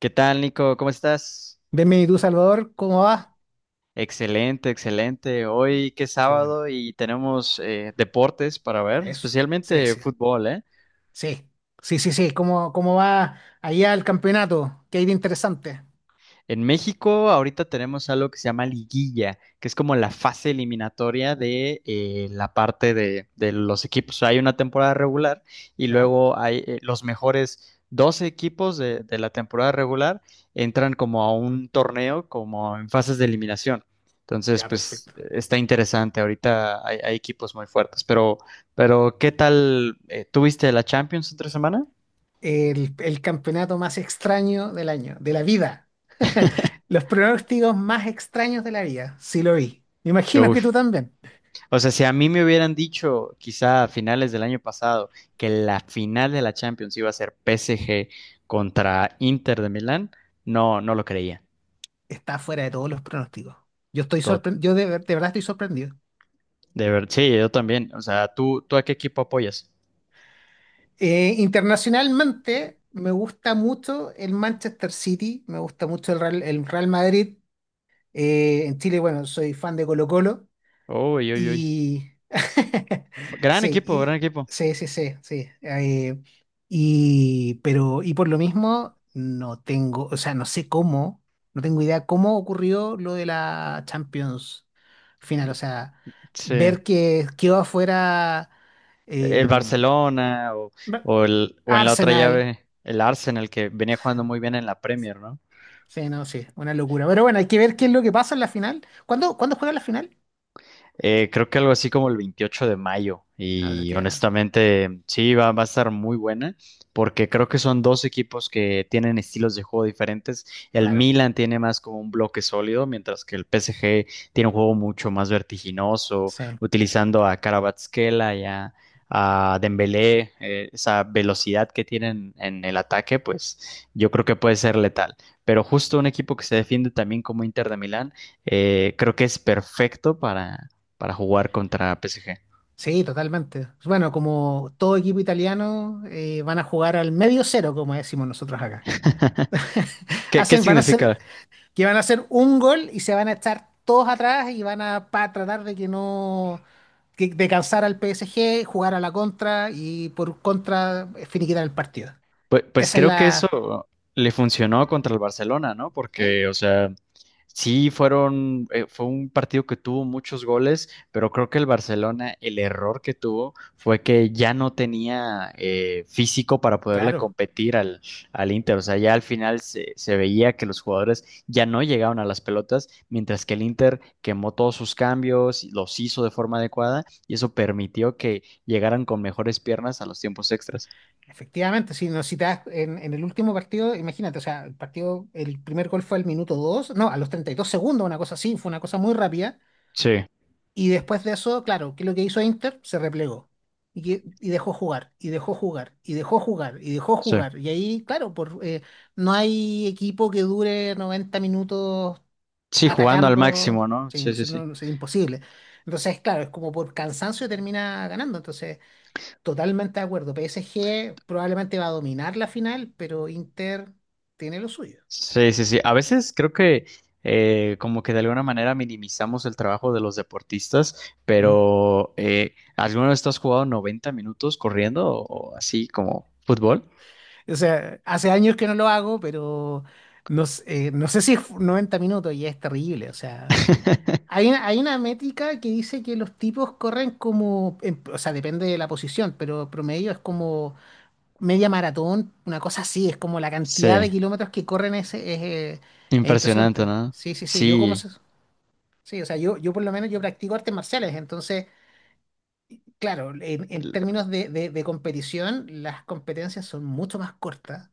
¿Qué tal, Nico? ¿Cómo estás? Venme tú, Salvador, ¿cómo va? Excelente, excelente. Hoy que es Qué bueno, sábado y tenemos deportes para ver, eso. Especialmente Sí, fútbol, ¿eh? sí, sí. ¿Cómo va allá el campeonato? ¿Qué hay de interesante? En México ahorita tenemos algo que se llama liguilla, que es como la fase eliminatoria de la parte de los equipos. O sea, hay una temporada regular y Ya, luego hay los mejores 12 equipos de la temporada regular entran como a un torneo, como en fases de eliminación. Entonces, ya, pues perfecto. está interesante. Ahorita hay equipos muy fuertes, pero ¿qué tal? ¿Tuviste la Champions entre semana? El campeonato más extraño del año, de la vida. Los pronósticos más extraños de la vida, sí lo vi. Me imagino que tú Uf. también. O sea, si a mí me hubieran dicho, quizá a finales del año pasado, que la final de la Champions iba a ser PSG contra Inter de Milán, no lo creía. Está fuera de todos los pronósticos. Yo estoy To- sorprendido, de verdad estoy sorprendido. de ver, sí, yo también. O sea, ¿tú a qué equipo apoyas? Internacionalmente, me gusta mucho el Manchester City, me gusta mucho el Real Madrid. En Chile, bueno, soy fan de Colo-Colo Uy, uy, uy. y... Gran Sí, equipo, gran y... equipo. Sí. Y por lo mismo, no tengo, o sea, no sé cómo, no tengo idea cómo ocurrió lo de la Champions final. O sea, Sí. ver que quedó afuera eh, ¿El Barcelona o, ve- o en la otra Arsenal. llave, el Arsenal, que venía jugando muy bien en la Premier, ¿no? Sí, no, sí, una locura. Pero bueno, hay que ver qué es lo que pasa en la final. ¿Cuándo juega la final? Creo que algo así como el 28 de mayo. Ah, de Y aquí a- honestamente, sí, va a estar muy buena, porque creo que son dos equipos que tienen estilos de juego diferentes. El Claro. Milan tiene más como un bloque sólido, mientras que el PSG tiene un juego mucho más vertiginoso, Sí. utilizando a Kvaratskhelia y a Dembélé, esa velocidad que tienen en el ataque, pues yo creo que puede ser letal. Pero justo un equipo que se defiende también como Inter de Milán creo que es perfecto para jugar contra PSG. Sí, totalmente. Bueno, como todo equipo italiano, van a jugar al medio cero, como decimos nosotros acá. ¿Qué, qué Hacen, van a hacer, significa? que van a hacer un gol y se van a estar todos atrás y tratar de que no, que- de cansar al PSG, jugar a la contra y por contra finiquitar el partido. Pues, pues Esa es creo que la... eso le funcionó contra el Barcelona, ¿no? ¿eh? Porque, o sea, sí fueron, fue un partido que tuvo muchos goles, pero creo que el Barcelona, el error que tuvo fue que ya no tenía físico para poderle Claro, competir al, al Inter. O sea, ya al final se veía que los jugadores ya no llegaban a las pelotas, mientras que el Inter quemó todos sus cambios, los hizo de forma adecuada y eso permitió que llegaran con mejores piernas a los tiempos extras. efectivamente. Si, no, si te das- en el último partido, imagínate, o sea, el partido, el primer gol fue al minuto 2, no, a los 32 segundos, una cosa así, fue una cosa muy rápida. Sí, Y después de eso, claro, ¿qué es lo que hizo Inter? Se replegó y dejó jugar, y dejó jugar, y dejó jugar, y dejó sí. jugar. Y ahí, claro, no hay equipo que dure 90 minutos Sí, jugando al atacando, máximo, ¿no? Sí, sí, sí. No sé, imposible. Entonces, claro, es como por cansancio termina ganando. Entonces, totalmente de acuerdo. PSG probablemente va a dominar la final, pero Inter tiene lo suyo. Sí, sí, sí. A veces creo que como que de alguna manera minimizamos el trabajo de los deportistas, Ujú. pero ¿alguna vez tú has jugado 90 minutos corriendo o así como fútbol? O sea, hace años que no lo hago, pero no sé si es 90 minutos y es terrible. O sea, hay una métrica que dice que los tipos corren como, o sea, depende de la posición, pero promedio es como media maratón, una cosa así, es como la cantidad de Sí, kilómetros que corren es es impresionante, impresionante. ¿no? Sí. Sí, o sea, yo por lo menos yo practico artes marciales, entonces, claro, en términos de competición, las competencias son mucho más cortas.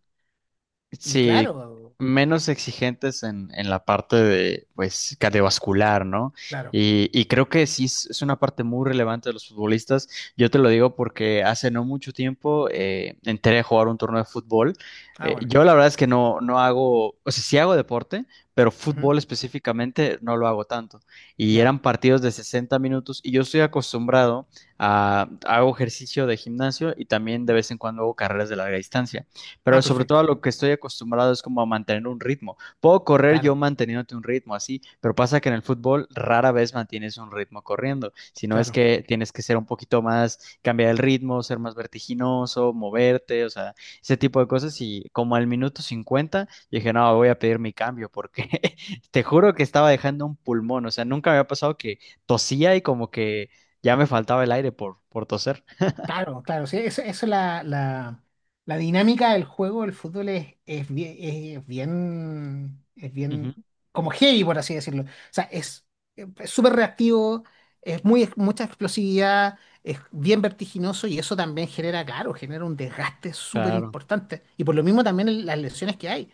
Y Sí, claro, menos exigentes en la parte de, pues, cardiovascular, ¿no? Claro. Y creo que sí es una parte muy relevante de los futbolistas. Yo te lo digo porque hace no mucho tiempo entré a jugar un torneo de fútbol. Ah, bueno. Yo la verdad es que no hago, o sea, sí hago deporte, pero Ujú. fútbol específicamente no lo hago tanto. Y Ya. eran partidos de 60 minutos y yo estoy acostumbrado a, hago ejercicio de gimnasio y también de vez en cuando hago carreras de larga distancia. Ah, Pero sobre todo perfecto. a lo que estoy acostumbrado es como a mantener un ritmo. Puedo correr yo Claro, manteniéndote un ritmo así, pero pasa que en el fútbol rara vez mantienes un ritmo corriendo, sino es claro. que tienes que ser un poquito más, cambiar el ritmo, ser más vertiginoso, moverte, o sea, ese tipo de cosas. Y como al minuto 50 yo dije, no, voy a pedir mi cambio porque te juro que estaba dejando un pulmón, o sea, nunca me había pasado que tosía y como que ya me faltaba el aire por toser. Claro, claro, sí, eso la dinámica del juego del fútbol es Ujú, bien como heavy, por así decirlo. O sea, es súper reactivo, mucha explosividad, es bien vertiginoso y eso también genera, claro, genera un desgaste súper claro, importante. Y por lo mismo también las lesiones que hay.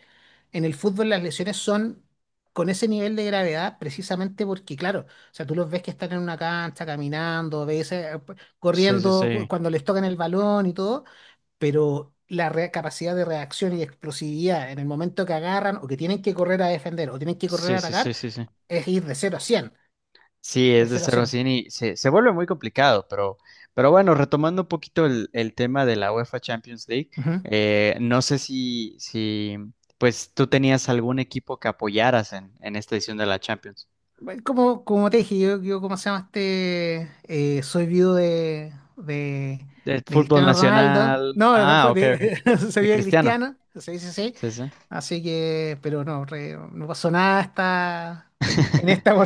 En el fútbol las lesiones son con ese nivel de gravedad precisamente porque, claro, o sea, tú los ves que están en una cancha caminando, ves, sí, sí, corriendo sí, cuando les tocan el balón y todo, pero capacidad de reacción y explosividad en el momento que agarran o que tienen que correr a defender o tienen que correr sí, a sí, atacar sí, sí. Sí. es ir de cero a cien, Sí, de es de cero a cero a cien. 100 y se vuelve muy complicado, pero bueno, retomando un poquito el tema de la UEFA Champions League, Ujú. No sé si pues tú tenías algún equipo que apoyaras en esta edición de la Champions. Bueno, como como te dije, yo ¿cómo se llama este? Soy viudo De de fútbol Cristiano Ronaldo. nacional. No, Ah, fue ok, ok. de, soy De viudo de Cristiano. Cristiano, sí, sí, sí. Sí, sí. Así que, pero no, no pasó nada hasta en esta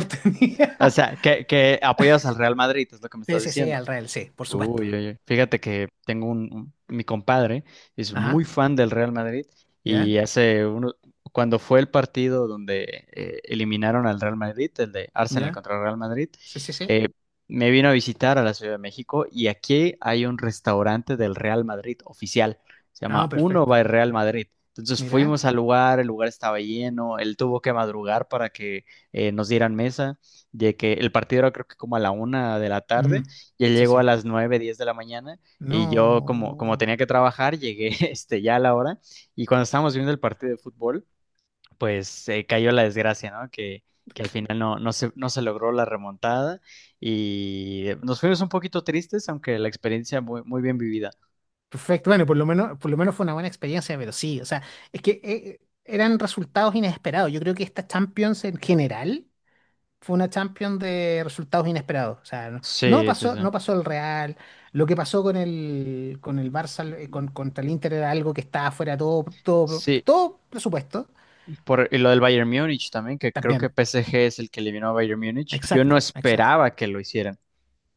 O sea, que apoyas al Real Madrid, es lo que me Sí, estás sí, sí, diciendo. al real, sí, por supuesto. Uy, oye, fíjate que tengo un, mi compadre es muy Ajá, fan del Real Madrid y ya, hace uno, cuando fue el partido donde eliminaron al Real Madrid, el de Arsenal ya. contra el Real Madrid, Sí, sí, sí. eh, me vino a visitar a la Ciudad de México y aquí hay un restaurante del Real Madrid oficial, se Ah, llama Uno perfecto. by Real Madrid. Entonces fuimos Mira. al lugar, el lugar estaba lleno, él tuvo que madrugar para que nos dieran mesa, de que el partido era creo que como a la 1 de la Ujú. tarde y él Sí, llegó a sí. las 9:10 de la mañana y yo como, como No. tenía que trabajar, llegué este, ya a la hora y cuando estábamos viendo el partido de fútbol, pues cayó la desgracia, ¿no? Que al final no se logró la remontada y nos fuimos un poquito tristes, aunque la experiencia muy, muy bien vivida. Perfecto. Bueno, por lo menos fue una buena experiencia, pero sí, o sea, es que eran resultados inesperados. Yo creo que esta Champions en general fue una Champions de resultados inesperados. O sea, no Sí, sí, pasó, sí. no pasó el Real. Lo que pasó con el Barça, contra el Inter era algo que estaba fuera de Sí, todo presupuesto. por, y lo del Bayern Múnich también, que creo que También. PSG es el que eliminó a Bayern Múnich. Yo Exacto, no exacto. esperaba que lo hicieran.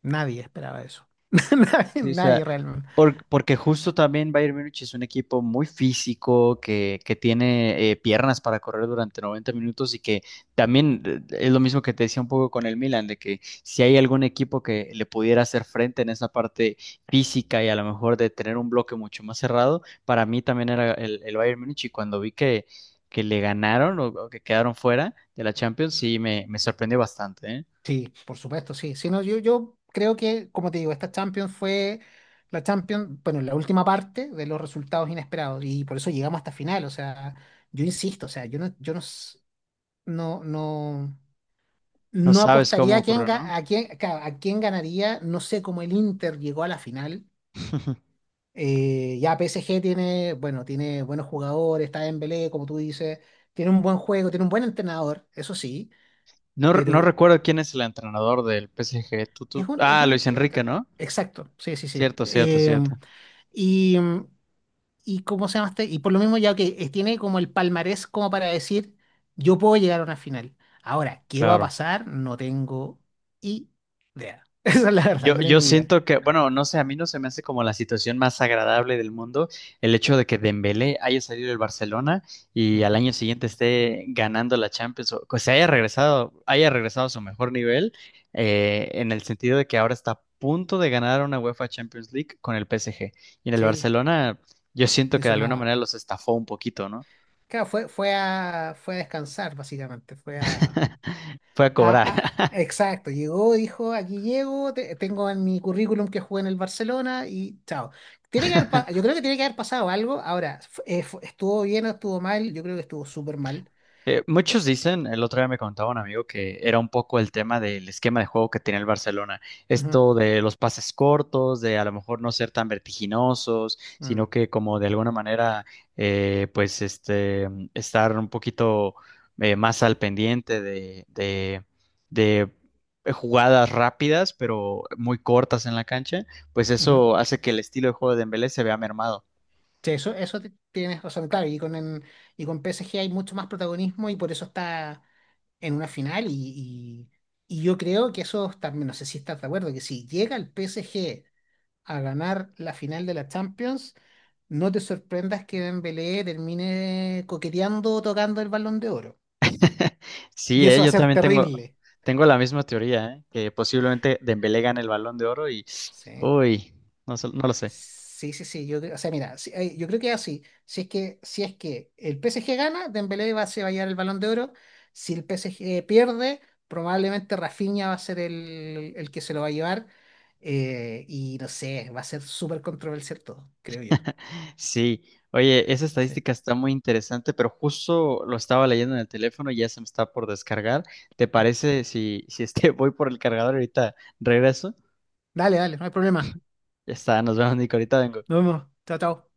Nadie esperaba eso. Nadie, Sí, o sea, nadie realmente. Porque justo también Bayern Múnich es un equipo muy físico, que tiene piernas para correr durante 90 minutos y que también es lo mismo que te decía un poco con el Milan, de que si hay algún equipo que le pudiera hacer frente en esa parte física y a lo mejor de tener un bloque mucho más cerrado, para mí también era el Bayern Múnich y cuando vi que le ganaron o que quedaron fuera de la Champions, sí, me sorprendió bastante, ¿eh? Sí, por supuesto, sí. Si no, yo creo que, como te digo, esta Champions fue la Champions, bueno, la última parte de los resultados inesperados y por eso llegamos hasta final. O sea, yo insisto, o sea, yo no, yo no, s- no, no, No no sabes apostaría cómo a quién, ocurrió, ga- ¿no? a quién, ca- a quién ganaría. No sé cómo el Inter llegó a la final. Ya PSG tiene, bueno, tiene buenos jugadores, está Dembélé, como tú dices, tiene un buen juego, tiene un buen entrenador, eso sí, No, no recuerdo pero quién es el entrenador del PSG. Es un, es Ah, un Luis Enrique, ent- ¿no? exacto, sí, sí, sí. Cierto, cierto, cierto. y, y cómo se llama este? Y por lo mismo ya que tiene como el palmarés como para decir, yo puedo llegar a una final. Ahora, ¿qué va a Claro. pasar? No tengo idea. Esa es la verdad, Yo, no yo tengo idea. siento que, bueno, no sé, a mí no se me hace como la situación más agradable del mundo el hecho de que Dembélé haya salido del Barcelona y al Ujú, año siguiente esté ganando la Champions, o que se Sí, haya regresado a su mejor nivel, en el sentido de que ahora está a punto de ganar una UEFA Champions League con el PSG. Y en el sí, Barcelona, yo siento ni que de alguna sonaba. manera los estafó un poquito, ¿no? Claro, fue a descansar, básicamente. Fue Fue a a- cobrar. Exacto, llegó, dijo, aquí llego, tengo en mi currículum que jugué en el Barcelona y chao. Tiene que haber, pa- Yo creo que tiene que haber pasado algo. Ahora, ¿estuvo bien o estuvo mal? Yo creo que estuvo súper mal. Muchos dicen, el otro día me contaba un amigo que era un poco el tema del esquema de juego que tenía el Barcelona. Ujú, Esto de los pases cortos, de a lo mejor no ser tan vertiginosos, mm, sino que como de alguna manera, pues este, estar un poquito más al pendiente de jugadas rápidas, pero muy cortas en la cancha, pues ujú. eso hace que el estilo de juego de Dembélé se vea mermado. Sí, eso tienes razón, claro. Y con PSG hay mucho más protagonismo y por eso está en una final. Y yo creo que eso también, no sé si estás de acuerdo, que si llega el PSG a ganar la final de la Champions, no te sorprendas que Dembélé termine coqueteando o tocando el Balón de Oro. Sí, Y eso va a yo ser también tengo, terrible. tengo la misma teoría, que posiblemente Dembélé gane el Balón de Oro y, Sí. uy, no, no lo sé. Sí, sí, sí, yo creo, o sea, mira, ay, yo creo que es así. Si es que el PSG gana, se va a llevar el Balón de Oro. Si el PSG pierde, probablemente Rafinha va a ser el que se lo va a llevar. Y no sé, va a ser súper controversial todo, creo yo. Sí, oye, esa Sí. estadística está muy interesante, pero justo lo estaba leyendo en el teléfono y ya se me está por descargar. ¿Te parece si es que voy por el cargador ahorita regreso? Dale, dale, no hay problema. Ya está, nos vemos, Nico, ahorita vengo. Nos vemos. Chao, chao.